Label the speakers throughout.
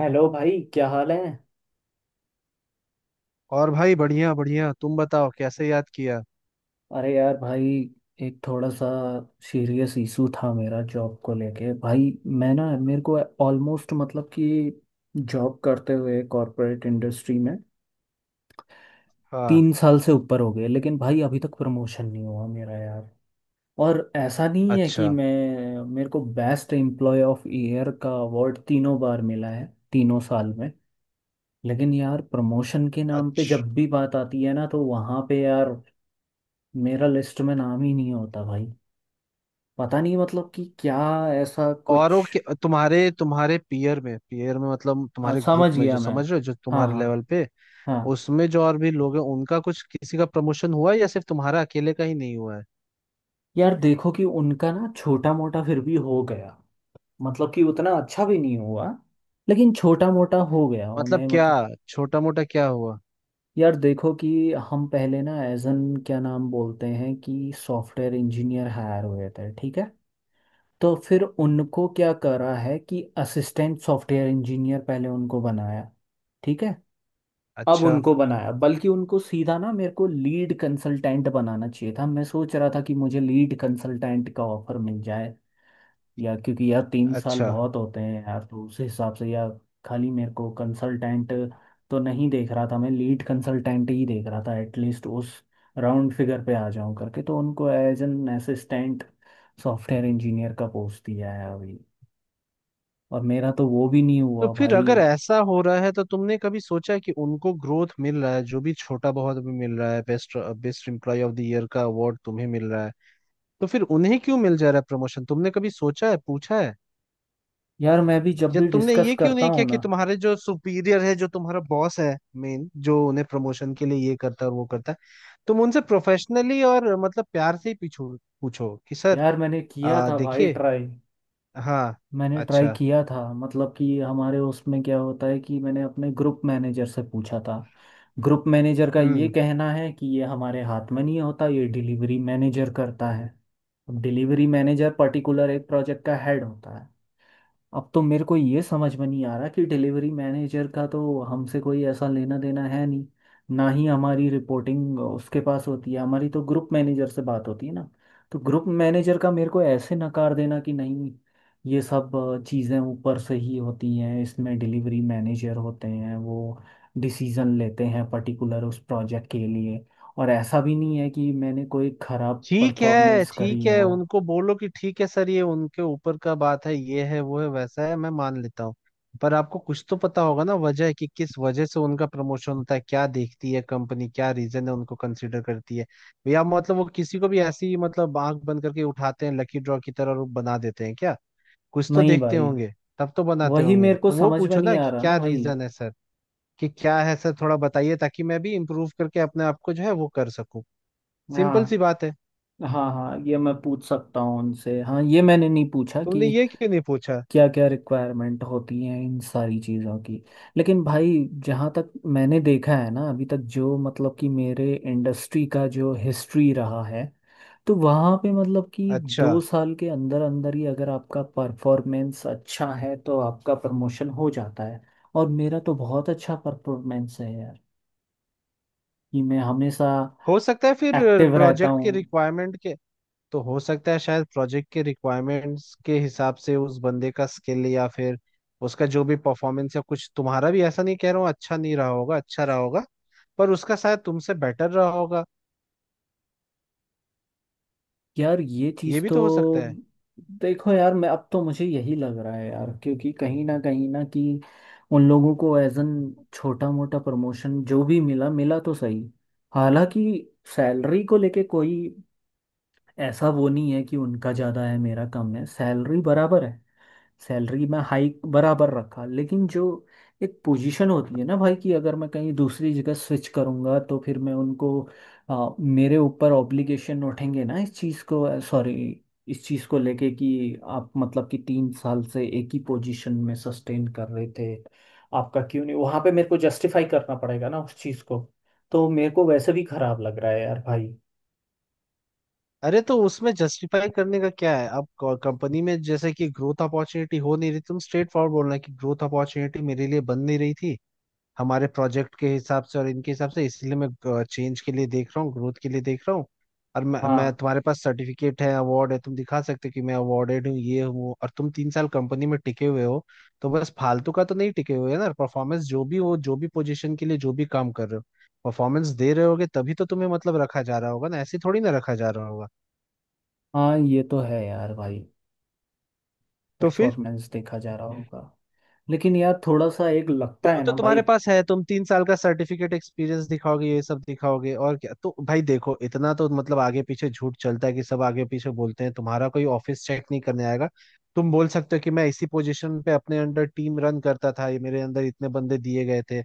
Speaker 1: Hello भाई, क्या हाल है।
Speaker 2: और भाई, बढ़िया बढ़िया। तुम बताओ, कैसे याद किया।
Speaker 1: अरे यार भाई, एक थोड़ा सा सीरियस इशू था मेरा जॉब को लेके भाई। मैं ना मेरे को ऑलमोस्ट, मतलब कि जॉब करते हुए कॉरपोरेट इंडस्ट्री में
Speaker 2: हाँ।
Speaker 1: 3 साल से ऊपर हो गए, लेकिन भाई अभी तक प्रमोशन नहीं हुआ मेरा यार। और ऐसा नहीं है कि
Speaker 2: अच्छा।
Speaker 1: मैं, मेरे को बेस्ट एम्प्लॉय ऑफ ईयर का अवार्ड तीनों बार मिला है, तीनों साल में। लेकिन यार प्रमोशन के नाम पे
Speaker 2: अच्छा,
Speaker 1: जब भी बात आती है ना, तो वहाँ पे यार मेरा लिस्ट में नाम ही नहीं होता भाई। पता नहीं, मतलब कि क्या ऐसा कुछ।
Speaker 2: औरों के तुम्हारे तुम्हारे पीयर में, पीयर में, मतलब
Speaker 1: हाँ,
Speaker 2: तुम्हारे ग्रुप
Speaker 1: समझ
Speaker 2: में
Speaker 1: गया
Speaker 2: जो,
Speaker 1: मैं।
Speaker 2: समझ रहे हो, जो
Speaker 1: हाँ,
Speaker 2: तुम्हारे
Speaker 1: हाँ।
Speaker 2: लेवल पे,
Speaker 1: हाँ।
Speaker 2: उसमें जो और भी लोग हैं उनका कुछ किसी का प्रमोशन हुआ है या सिर्फ तुम्हारा अकेले का ही नहीं हुआ है।
Speaker 1: यार देखो कि उनका ना छोटा मोटा फिर भी हो गया। मतलब कि उतना अच्छा भी नहीं हुआ, लेकिन छोटा मोटा हो गया
Speaker 2: मतलब
Speaker 1: उन्हें,
Speaker 2: क्या,
Speaker 1: मतलब।
Speaker 2: छोटा मोटा क्या हुआ।
Speaker 1: यार देखो कि हम पहले ना एज एन क्या नाम बोलते हैं, कि सॉफ्टवेयर इंजीनियर हायर हुए थे, ठीक है। तो फिर उनको क्या करा है कि असिस्टेंट सॉफ्टवेयर इंजीनियर पहले उनको बनाया। ठीक है। अब
Speaker 2: अच्छा।
Speaker 1: उनको बनाया, बल्कि उनको सीधा ना, मेरे को लीड कंसल्टेंट बनाना चाहिए था। मैं सोच रहा था कि मुझे लीड कंसल्टेंट का ऑफर मिल जाए, या क्योंकि यार 3 साल
Speaker 2: अच्छा,
Speaker 1: बहुत होते हैं यार, तो उस हिसाब से यार खाली मेरे को कंसल्टेंट तो नहीं देख रहा था, मैं लीड कंसल्टेंट ही देख रहा था, एटलीस्ट उस राउंड फिगर पे आ जाऊं करके। तो उनको as an assistant software engineer का पोस्ट दिया है अभी, और मेरा तो वो भी नहीं
Speaker 2: तो
Speaker 1: हुआ
Speaker 2: फिर
Speaker 1: भाई।
Speaker 2: अगर ऐसा हो रहा है तो तुमने कभी सोचा है कि उनको ग्रोथ मिल रहा है, जो भी छोटा बहुत भी मिल रहा है, best, best employee of the year का अवार्ड तुम्हें मिल रहा है, तो फिर उन्हें क्यों मिल जा रहा है प्रमोशन। तुमने कभी सोचा है, पूछा है।
Speaker 1: यार मैं भी जब
Speaker 2: या
Speaker 1: भी
Speaker 2: तुमने
Speaker 1: डिस्कस
Speaker 2: ये क्यों
Speaker 1: करता
Speaker 2: नहीं किया
Speaker 1: हूँ ना।
Speaker 2: कि तुम्हारे जो सुपीरियर है, जो तुम्हारा बॉस है, मेन जो उन्हें प्रमोशन के लिए ये करता है और वो करता है, तुम उनसे प्रोफेशनली और मतलब प्यार से ही पूछो। पूछो कि सर,
Speaker 1: यार मैंने किया था भाई,
Speaker 2: देखिए।
Speaker 1: ट्राई।
Speaker 2: हाँ।
Speaker 1: मैंने ट्राई
Speaker 2: अच्छा।
Speaker 1: किया था, मतलब कि हमारे उसमें क्या होता है कि मैंने अपने ग्रुप मैनेजर से पूछा था। ग्रुप मैनेजर का ये
Speaker 2: हम्म।
Speaker 1: कहना है कि ये हमारे हाथ में नहीं होता, ये डिलीवरी मैनेजर करता है। डिलीवरी मैनेजर पर्टिकुलर एक प्रोजेक्ट का हेड होता है। अब तो मेरे को ये समझ में नहीं आ रहा कि डिलीवरी मैनेजर का तो हमसे कोई ऐसा लेना देना है नहीं। ना ही हमारी रिपोर्टिंग उसके पास होती है, हमारी तो ग्रुप मैनेजर से बात होती है ना। तो ग्रुप मैनेजर का मेरे को ऐसे नकार देना कि नहीं, ये सब चीज़ें ऊपर से ही होती हैं, इसमें डिलीवरी मैनेजर होते हैं, वो डिसीज़न लेते हैं पर्टिकुलर उस प्रोजेक्ट के लिए। और ऐसा भी नहीं है कि मैंने कोई ख़राब
Speaker 2: ठीक है,
Speaker 1: परफॉर्मेंस
Speaker 2: ठीक
Speaker 1: करी
Speaker 2: है,
Speaker 1: हो।
Speaker 2: उनको बोलो कि ठीक है सर, ये उनके ऊपर का बात है, ये है वो है वैसा है, मैं मान लेता हूँ, पर आपको कुछ तो पता होगा ना वजह कि किस वजह से उनका प्रमोशन होता है, क्या देखती है कंपनी, क्या रीजन है उनको कंसिडर करती है। या मतलब वो किसी को भी ऐसी, मतलब आंख बंद करके उठाते हैं लकी ड्रॉ की तरह और बना देते हैं क्या, कुछ तो
Speaker 1: नहीं
Speaker 2: देखते
Speaker 1: भाई।
Speaker 2: होंगे, तब तो बनाते
Speaker 1: वही
Speaker 2: होंगे,
Speaker 1: मेरे को
Speaker 2: तो वो
Speaker 1: समझ में
Speaker 2: पूछो
Speaker 1: नहीं
Speaker 2: ना
Speaker 1: आ
Speaker 2: कि
Speaker 1: रहा ना
Speaker 2: क्या
Speaker 1: भाई।
Speaker 2: रीजन है सर, कि क्या है सर, थोड़ा बताइए ताकि मैं भी इम्प्रूव करके अपने आप को जो है वो कर सकूं। सिंपल सी
Speaker 1: हाँ,
Speaker 2: बात है।
Speaker 1: हाँ। हाँ, ये मैं पूछ सकता हूँ उनसे। हाँ, ये मैंने नहीं पूछा
Speaker 2: तुमने
Speaker 1: कि
Speaker 2: ये क्यों नहीं पूछा।
Speaker 1: क्या क्या रिक्वायरमेंट होती हैं इन सारी चीज़ों की। लेकिन भाई जहाँ तक मैंने देखा है ना अभी तक, जो मतलब कि मेरे इंडस्ट्री का जो हिस्ट्री रहा है, तो वहाँ पे मतलब कि
Speaker 2: अच्छा,
Speaker 1: 2 साल के अंदर अंदर ही अगर आपका परफॉर्मेंस अच्छा है तो आपका प्रमोशन हो जाता है। और मेरा तो बहुत अच्छा परफॉर्मेंस है यार, कि मैं हमेशा
Speaker 2: हो सकता है फिर
Speaker 1: एक्टिव रहता
Speaker 2: प्रोजेक्ट के
Speaker 1: हूँ।
Speaker 2: रिक्वायरमेंट के, तो हो सकता है शायद प्रोजेक्ट के रिक्वायरमेंट्स के हिसाब से उस बंदे का स्किल या फिर उसका जो भी परफॉर्मेंस या कुछ, तुम्हारा भी ऐसा नहीं कह रहा हूँ, अच्छा नहीं रहा होगा, अच्छा रहा होगा पर उसका शायद तुमसे बेटर रहा होगा,
Speaker 1: यार ये
Speaker 2: ये
Speaker 1: चीज
Speaker 2: भी
Speaker 1: तो
Speaker 2: तो हो सकता है।
Speaker 1: देखो यार। मैं अब तो, मुझे यही लग रहा है यार, क्योंकि कहीं ना कहीं ना, कि उन लोगों को एज एन छोटा मोटा प्रमोशन जो भी मिला, मिला तो सही। हालांकि सैलरी को लेके कोई ऐसा वो नहीं है कि उनका ज्यादा है मेरा कम है, सैलरी बराबर है, सैलरी में हाइक बराबर रखा। लेकिन जो एक पोजीशन होती है ना भाई, कि अगर मैं कहीं दूसरी जगह स्विच करूंगा तो फिर मैं उनको, मेरे ऊपर ऑब्लिगेशन उठेंगे ना इस चीज़ को लेके, कि आप मतलब कि 3 साल से एक ही पोजीशन में सस्टेन कर रहे थे, आपका क्यों नहीं, वहां पे मेरे को जस्टिफाई करना पड़ेगा ना उस चीज़ को। तो मेरे को वैसे भी खराब लग रहा है यार भाई।
Speaker 2: अरे तो उसमें जस्टिफाई करने का क्या है, अब कंपनी में जैसे कि ग्रोथ अपॉर्चुनिटी हो नहीं रही, तुम स्ट्रेट फॉरवर्ड बोलना कि ग्रोथ अपॉर्चुनिटी मेरे लिए बन नहीं रही थी हमारे प्रोजेक्ट के हिसाब से और इनके हिसाब से, इसलिए मैं चेंज के लिए देख रहा हूँ, ग्रोथ के लिए देख रहा हूँ। और मैं
Speaker 1: हाँ,
Speaker 2: तुम्हारे पास सर्टिफिकेट है, अवार्ड है, तुम दिखा सकते हो कि मैं अवार्डेड हूँ, ये हूँ, और तुम तीन साल कंपनी में टिके हुए हो, तो बस फालतू का तो नहीं टिके हुए ना, परफॉर्मेंस जो भी हो, जो भी पोजीशन के लिए जो भी काम कर रहे हो, परफॉर्मेंस दे रहे होगे तभी तो तुम्हें मतलब रखा जा रहा होगा ना, ऐसे थोड़ी ना रखा जा रहा होगा।
Speaker 1: हाँ, ये तो है यार भाई।
Speaker 2: तो फिर,
Speaker 1: परफॉर्मेंस देखा जा रहा होगा। लेकिन यार थोड़ा सा एक
Speaker 2: तो
Speaker 1: लगता
Speaker 2: वो
Speaker 1: है
Speaker 2: तो
Speaker 1: ना
Speaker 2: तुम्हारे
Speaker 1: भाई।
Speaker 2: पास है, तुम तीन साल का सर्टिफिकेट, एक्सपीरियंस दिखाओगे ये सब दिखाओगे, और क्या, तो भाई देखो इतना तो मतलब आगे पीछे झूठ चलता है, कि सब आगे पीछे बोलते हैं, तुम्हारा कोई ऑफिस चेक नहीं करने आएगा। तुम बोल सकते हो कि मैं इसी पोजीशन पे अपने अंडर टीम रन करता था, ये मेरे अंदर इतने बंदे दिए गए थे,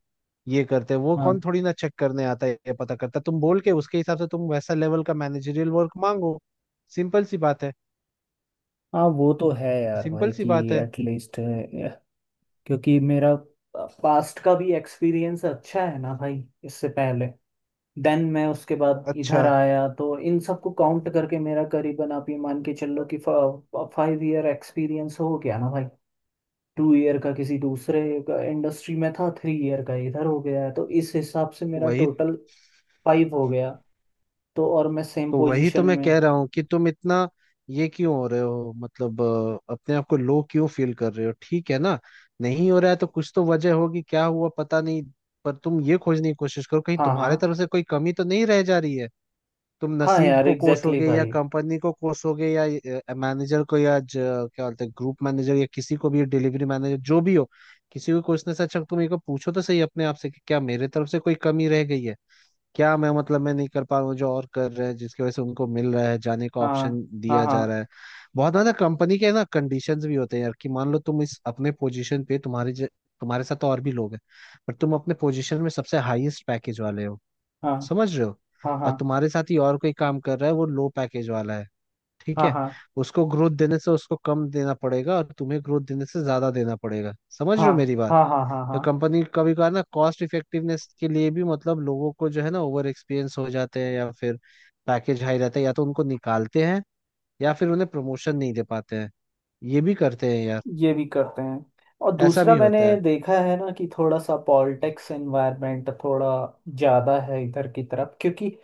Speaker 2: ये करते वो, कौन
Speaker 1: हाँ,
Speaker 2: थोड़ी ना चेक करने आता है, ये पता करता है। तुम बोल के उसके हिसाब से तुम वैसा लेवल का मैनेजरियल वर्क मांगो। सिंपल सी बात है।
Speaker 1: हाँ, वो तो है यार
Speaker 2: सिंपल
Speaker 1: भाई
Speaker 2: सी
Speaker 1: कि
Speaker 2: बात है।
Speaker 1: एटलीस्ट, क्योंकि मेरा पास्ट का भी एक्सपीरियंस अच्छा है ना भाई, इससे पहले। देन मैं उसके बाद
Speaker 2: अच्छा।
Speaker 1: इधर आया, तो इन सबको काउंट करके मेरा करीबन, आप ये मान के चलो कि 5 ईयर एक्सपीरियंस हो गया ना भाई। 2 ईयर का किसी दूसरे इंडस्ट्री में था, 3 ईयर का इधर हो गया है, तो इस हिसाब से मेरा
Speaker 2: वही
Speaker 1: टोटल 5 हो गया। तो और मैं सेम
Speaker 2: वही तो
Speaker 1: पोजीशन
Speaker 2: मैं
Speaker 1: में।
Speaker 2: कह रहा हूँ कि तुम इतना ये क्यों हो रहे हो, मतलब अपने आप को लो क्यों फील कर रहे हो, ठीक है ना। नहीं हो रहा है तो कुछ तो वजह होगी, क्या हुआ पता नहीं, पर तुम ये खोजने की कोशिश करो कहीं
Speaker 1: हाँ, हाँ,
Speaker 2: तुम्हारे तरफ से कोई कमी तो नहीं रह जा रही है। तुम
Speaker 1: हाँ,
Speaker 2: नसीब
Speaker 1: यार
Speaker 2: को
Speaker 1: एग्जैक्टली
Speaker 2: कोसोगे या
Speaker 1: भाई।
Speaker 2: कंपनी को कोसोगे या मैनेजर को या क्या बोलते हैं ग्रुप मैनेजर या किसी को भी, डिलीवरी मैनेजर जो भी हो, किसी को कोसने से अच्छा तुम एक बार पूछो तो सही अपने आप से कि क्या मेरे तरफ से कोई कमी रह गई है, क्या मैं, मतलब मैं नहीं कर पा रहा हूँ जो और कर रहे हैं, जिसकी वजह से उनको मिल रहा है, जाने का ऑप्शन
Speaker 1: हाँ, हाँ,
Speaker 2: दिया जा
Speaker 1: हाँ,
Speaker 2: रहा है। बहुत ज्यादा कंपनी के ना कंडीशंस भी होते हैं यार, कि मान लो तुम इस अपने पोजीशन पे तुम्हारे तुम्हारे साथ तो और भी लोग हैं, पर तुम अपने पोजीशन में सबसे हाईएस्ट पैकेज वाले हो,
Speaker 1: हाँ।
Speaker 2: समझ रहे हो,
Speaker 1: हाँ,
Speaker 2: और
Speaker 1: हाँ,
Speaker 2: तुम्हारे साथ ही और कोई काम कर रहा है, वो लो पैकेज वाला है, ठीक
Speaker 1: हाँ, हाँ,
Speaker 2: है।
Speaker 1: हाँ।
Speaker 2: उसको ग्रोथ देने से उसको कम देना पड़ेगा और तुम्हें ग्रोथ देने से ज्यादा देना पड़ेगा, समझ रहे
Speaker 1: हाँ,
Speaker 2: हो मेरी बात।
Speaker 1: हाँ, हाँ, हाँ,
Speaker 2: तो
Speaker 1: हाँ।
Speaker 2: कंपनी कभी कभार ना कॉस्ट इफेक्टिवनेस के लिए भी, मतलब लोगों को जो है ना, ओवर एक्सपीरियंस हो जाते हैं या फिर पैकेज हाई रहता है, या तो उनको निकालते हैं या फिर उन्हें प्रमोशन नहीं दे पाते हैं। ये भी करते हैं यार,
Speaker 1: ये भी करते हैं। और
Speaker 2: ऐसा
Speaker 1: दूसरा
Speaker 2: भी
Speaker 1: मैंने
Speaker 2: होता है।
Speaker 1: देखा है ना कि थोड़ा सा पॉलिटिक्स एनवायरनमेंट थोड़ा ज़्यादा है इधर की तरफ, क्योंकि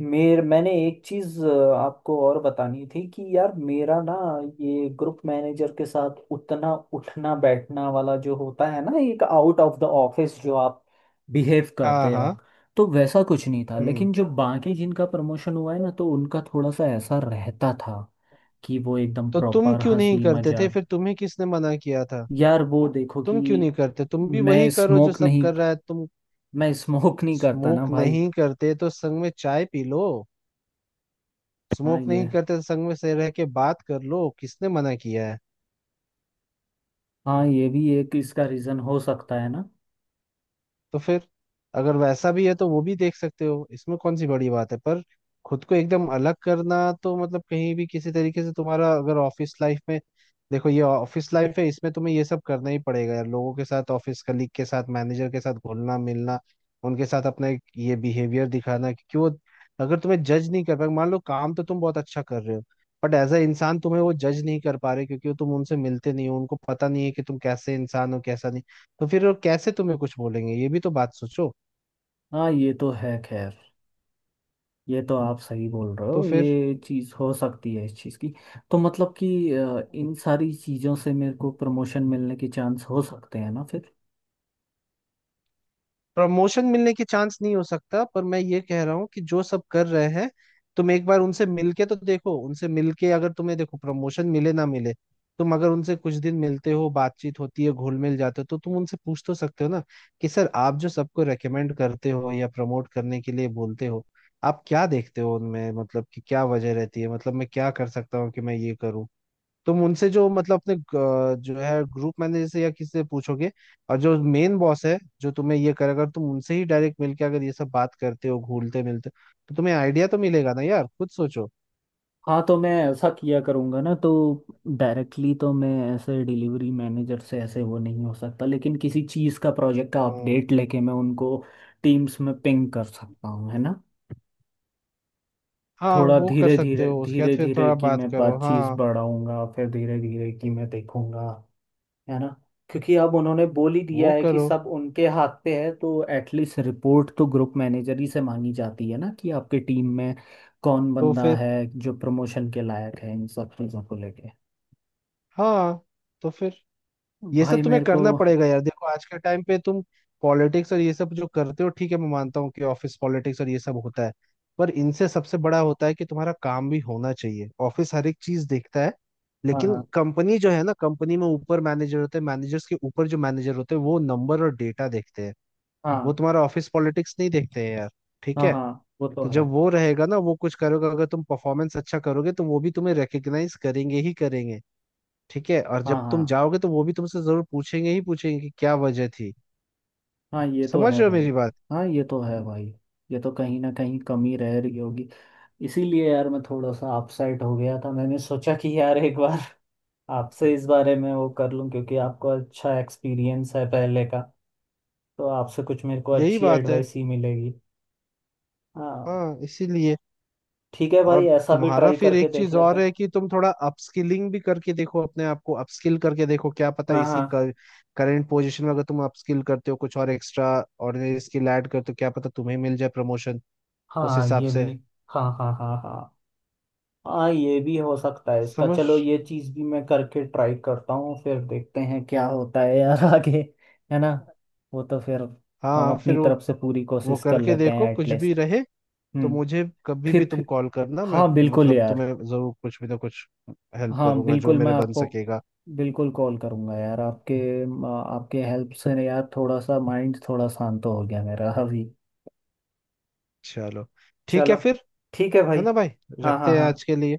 Speaker 1: मेर मैंने एक चीज़ आपको और बतानी थी, कि यार मेरा ना ये ग्रुप मैनेजर के साथ उतना उठना बैठना वाला जो होता है ना, एक आउट ऑफ द ऑफिस जो आप बिहेव
Speaker 2: हाँ
Speaker 1: करते हो,
Speaker 2: हाँ।
Speaker 1: तो वैसा कुछ नहीं था।
Speaker 2: हम्म।
Speaker 1: लेकिन जो बाकी जिनका प्रमोशन हुआ है ना, तो उनका थोड़ा सा ऐसा रहता था कि वो एकदम
Speaker 2: तो तुम
Speaker 1: प्रॉपर
Speaker 2: क्यों नहीं
Speaker 1: हंसी
Speaker 2: करते थे
Speaker 1: मजाक।
Speaker 2: फिर, तुम्हें किसने मना किया था।
Speaker 1: यार वो देखो कि
Speaker 2: तुम क्यों नहीं करते, तुम भी
Speaker 1: मैं
Speaker 2: वही करो जो
Speaker 1: स्मोक
Speaker 2: सब
Speaker 1: नहीं
Speaker 2: कर रहा है। तुम
Speaker 1: मैं स्मोक नहीं करता ना
Speaker 2: स्मोक
Speaker 1: भाई।
Speaker 2: नहीं करते तो संग में चाय पी लो,
Speaker 1: हाँ,
Speaker 2: स्मोक नहीं
Speaker 1: ये,
Speaker 2: करते तो संग में से रह के बात कर लो, किसने मना किया है।
Speaker 1: हाँ, ये भी एक इसका रीजन हो सकता है ना।
Speaker 2: तो फिर अगर वैसा भी है तो वो भी देख सकते हो, इसमें कौन सी बड़ी बात है, पर खुद को एकदम अलग करना तो मतलब कहीं भी किसी तरीके से तुम्हारा अगर ऑफिस लाइफ में, देखो ये ऑफिस लाइफ है, इसमें तुम्हें ये सब करना ही पड़ेगा यार, लोगों के साथ, ऑफिस कलीग के साथ, मैनेजर के साथ घुलना मिलना, उनके साथ अपना एक ये बिहेवियर दिखाना, क्योंकि वो अगर तुम्हें जज नहीं कर पाए, मान लो काम तो तुम बहुत अच्छा कर रहे हो बट एज अ इंसान तुम्हें वो जज नहीं कर पा रहे क्योंकि वो, तुम उनसे मिलते नहीं हो, उनको पता नहीं है कि तुम कैसे इंसान हो कैसा नहीं, तो फिर वो कैसे तुम्हें कुछ बोलेंगे, ये भी तो बात सोचो।
Speaker 1: हाँ, ये तो है खैर। ये तो आप सही बोल रहे
Speaker 2: तो
Speaker 1: हो,
Speaker 2: फिर
Speaker 1: ये चीज हो सकती है इस चीज की। तो मतलब कि इन सारी चीजों से मेरे को प्रमोशन मिलने के चांस हो सकते हैं ना फिर।
Speaker 2: प्रमोशन मिलने के चांस नहीं हो सकता, पर मैं ये कह रहा हूँ कि जो सब कर रहे हैं तुम एक बार उनसे मिलके तो देखो, उनसे मिलके अगर तुम्हें, देखो प्रमोशन मिले ना मिले, तुम अगर उनसे कुछ दिन मिलते हो, बातचीत होती है, घुल मिल जाते हो तो तुम उनसे पूछ तो सकते हो ना कि सर आप जो सबको रेकमेंड करते हो या प्रमोट करने के लिए बोलते हो, आप क्या देखते हो उनमें, मतलब कि क्या वजह रहती है, मतलब मैं क्या कर सकता हूँ कि मैं ये करूँ। तुम उनसे जो मतलब अपने जो है ग्रुप मैनेजर से या किसी से पूछोगे, और जो मेन बॉस है जो तुम्हें ये करे, अगर तुम उनसे ही डायरेक्ट मिलके अगर ये सब बात करते हो, घूलते मिलते हो, तो तुम्हें आइडिया तो मिलेगा ना यार, खुद सोचो।
Speaker 1: हाँ, तो मैं ऐसा किया करूँगा ना। तो डायरेक्टली तो मैं ऐसे डिलीवरी मैनेजर से ऐसे वो नहीं हो सकता, लेकिन किसी चीज़ का, प्रोजेक्ट का
Speaker 2: हम्म।
Speaker 1: अपडेट लेके मैं उनको टीम्स में पिंग कर सकता हूँ, है ना।
Speaker 2: हाँ,
Speaker 1: थोड़ा
Speaker 2: वो कर
Speaker 1: धीरे
Speaker 2: सकते
Speaker 1: धीरे
Speaker 2: हो, उसके बाद
Speaker 1: धीरे
Speaker 2: फिर
Speaker 1: धीरे
Speaker 2: थोड़ा
Speaker 1: कि
Speaker 2: बात
Speaker 1: मैं
Speaker 2: करो।
Speaker 1: बात चीज़
Speaker 2: हाँ,
Speaker 1: बढ़ाऊंगा, फिर धीरे धीरे कि मैं देखूंगा, है ना। क्योंकि अब उन्होंने बोल ही दिया
Speaker 2: वो
Speaker 1: है कि
Speaker 2: करो।
Speaker 1: सब उनके हाथ पे है, तो एटलीस्ट रिपोर्ट तो ग्रुप मैनेजर ही से मांगी जाती है ना, कि आपके टीम में कौन
Speaker 2: तो
Speaker 1: बंदा
Speaker 2: फिर,
Speaker 1: है जो प्रमोशन के लायक है, इन सब चीज़ों को लेके।
Speaker 2: हाँ, तो फिर ये
Speaker 1: भाई
Speaker 2: सब तुम्हें
Speaker 1: मेरे को।
Speaker 2: करना पड़ेगा यार। देखो आज के टाइम पे तुम पॉलिटिक्स और ये सब जो करते हो, ठीक है मैं मानता हूँ कि ऑफिस पॉलिटिक्स और ये सब होता है, पर इनसे सबसे बड़ा होता है कि तुम्हारा काम भी होना चाहिए, ऑफिस हर एक चीज देखता है।
Speaker 1: हाँ,
Speaker 2: लेकिन
Speaker 1: हाँ,
Speaker 2: कंपनी जो है ना, कंपनी में ऊपर मैनेजर होते हैं, मैनेजर्स के ऊपर जो मैनेजर होते हैं वो नंबर और डेटा देखते हैं, वो
Speaker 1: हाँ,
Speaker 2: तुम्हारा ऑफिस पॉलिटिक्स नहीं देखते हैं यार। ठीक
Speaker 1: हाँ,
Speaker 2: है,
Speaker 1: हाँ, वो तो
Speaker 2: तो
Speaker 1: है।
Speaker 2: जब वो रहेगा ना, वो कुछ करोगे अगर तुम, परफॉर्मेंस अच्छा करोगे तो वो भी तुम्हें रिकग्नाइज करेंगे ही करेंगे, ठीक है, और जब
Speaker 1: हाँ,
Speaker 2: तुम
Speaker 1: हाँ,
Speaker 2: जाओगे तो वो भी तुमसे जरूर पूछेंगे ही पूछेंगे कि क्या वजह थी,
Speaker 1: हाँ, ये तो
Speaker 2: समझ
Speaker 1: है
Speaker 2: रहे हो
Speaker 1: भाई।
Speaker 2: मेरी बात।
Speaker 1: हाँ, ये तो है भाई। ये तो कहीं ना कहीं कमी रह रही होगी। इसीलिए यार मैं थोड़ा सा अपसेट हो गया था, मैंने सोचा कि यार एक बार आपसे इस बारे में वो कर लूं, क्योंकि आपको अच्छा एक्सपीरियंस है पहले का, तो आपसे कुछ मेरे को
Speaker 2: यही
Speaker 1: अच्छी
Speaker 2: बात है।
Speaker 1: एडवाइस ही मिलेगी। हाँ।
Speaker 2: हाँ, इसीलिए।
Speaker 1: ठीक है भाई,
Speaker 2: और
Speaker 1: ऐसा भी
Speaker 2: तुम्हारा
Speaker 1: ट्राई
Speaker 2: फिर
Speaker 1: करके
Speaker 2: एक
Speaker 1: देख
Speaker 2: चीज
Speaker 1: लेते
Speaker 2: और
Speaker 1: हैं।
Speaker 2: है कि तुम थोड़ा अपस्किलिंग भी करके देखो, अपने आप को अपस्किल करके देखो, क्या पता
Speaker 1: हाँ, हाँ,
Speaker 2: करंट पोजीशन में अगर तुम अपस्किल करते हो कुछ और एक्स्ट्रा ऑर्डिनरी स्किल ऐड करते हो, क्या पता तुम्हें मिल जाए प्रमोशन उस
Speaker 1: हाँ,
Speaker 2: हिसाब
Speaker 1: ये
Speaker 2: से।
Speaker 1: भी। हाँ, हाँ, हाँ, हाँ, हाँ, ये भी हो सकता है इसका।
Speaker 2: समझ।
Speaker 1: चलो, ये चीज भी मैं करके ट्राई करता हूँ फिर, देखते हैं क्या होता है यार आगे। है ना। वो तो फिर हम
Speaker 2: हाँ,
Speaker 1: अपनी
Speaker 2: फिर वो
Speaker 1: तरफ से पूरी
Speaker 2: वो
Speaker 1: कोशिश कर
Speaker 2: करके
Speaker 1: लेते
Speaker 2: देखो,
Speaker 1: हैं
Speaker 2: कुछ भी
Speaker 1: एटलीस्ट।
Speaker 2: रहे तो
Speaker 1: हम्म।
Speaker 2: मुझे कभी भी
Speaker 1: फिर
Speaker 2: तुम
Speaker 1: फिर
Speaker 2: कॉल करना, मैं
Speaker 1: हाँ बिल्कुल
Speaker 2: मतलब
Speaker 1: यार।
Speaker 2: तुम्हें जरूर कुछ भी ना कुछ हेल्प
Speaker 1: हाँ
Speaker 2: करूंगा जो
Speaker 1: बिल्कुल, मैं
Speaker 2: मेरे बन
Speaker 1: आपको,
Speaker 2: सकेगा।
Speaker 1: बिल्कुल कॉल करूँगा यार, आपके आपके हेल्प से यार, थोड़ा सा माइंड थोड़ा शांत हो गया मेरा अभी।
Speaker 2: चलो, ठीक है
Speaker 1: चलो।
Speaker 2: फिर,
Speaker 1: ठीक है
Speaker 2: है
Speaker 1: भाई।
Speaker 2: ना भाई,
Speaker 1: हाँ, हाँ,
Speaker 2: रखते हैं
Speaker 1: हाँ,
Speaker 2: आज के लिए।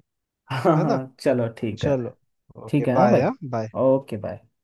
Speaker 1: हाँ,
Speaker 2: है ना,
Speaker 1: हाँ, चलो ठीक है।
Speaker 2: चलो, ओके
Speaker 1: ठीक है, हाँ
Speaker 2: बाय।
Speaker 1: भाई।
Speaker 2: हाँ, बाय।
Speaker 1: Okay, bye.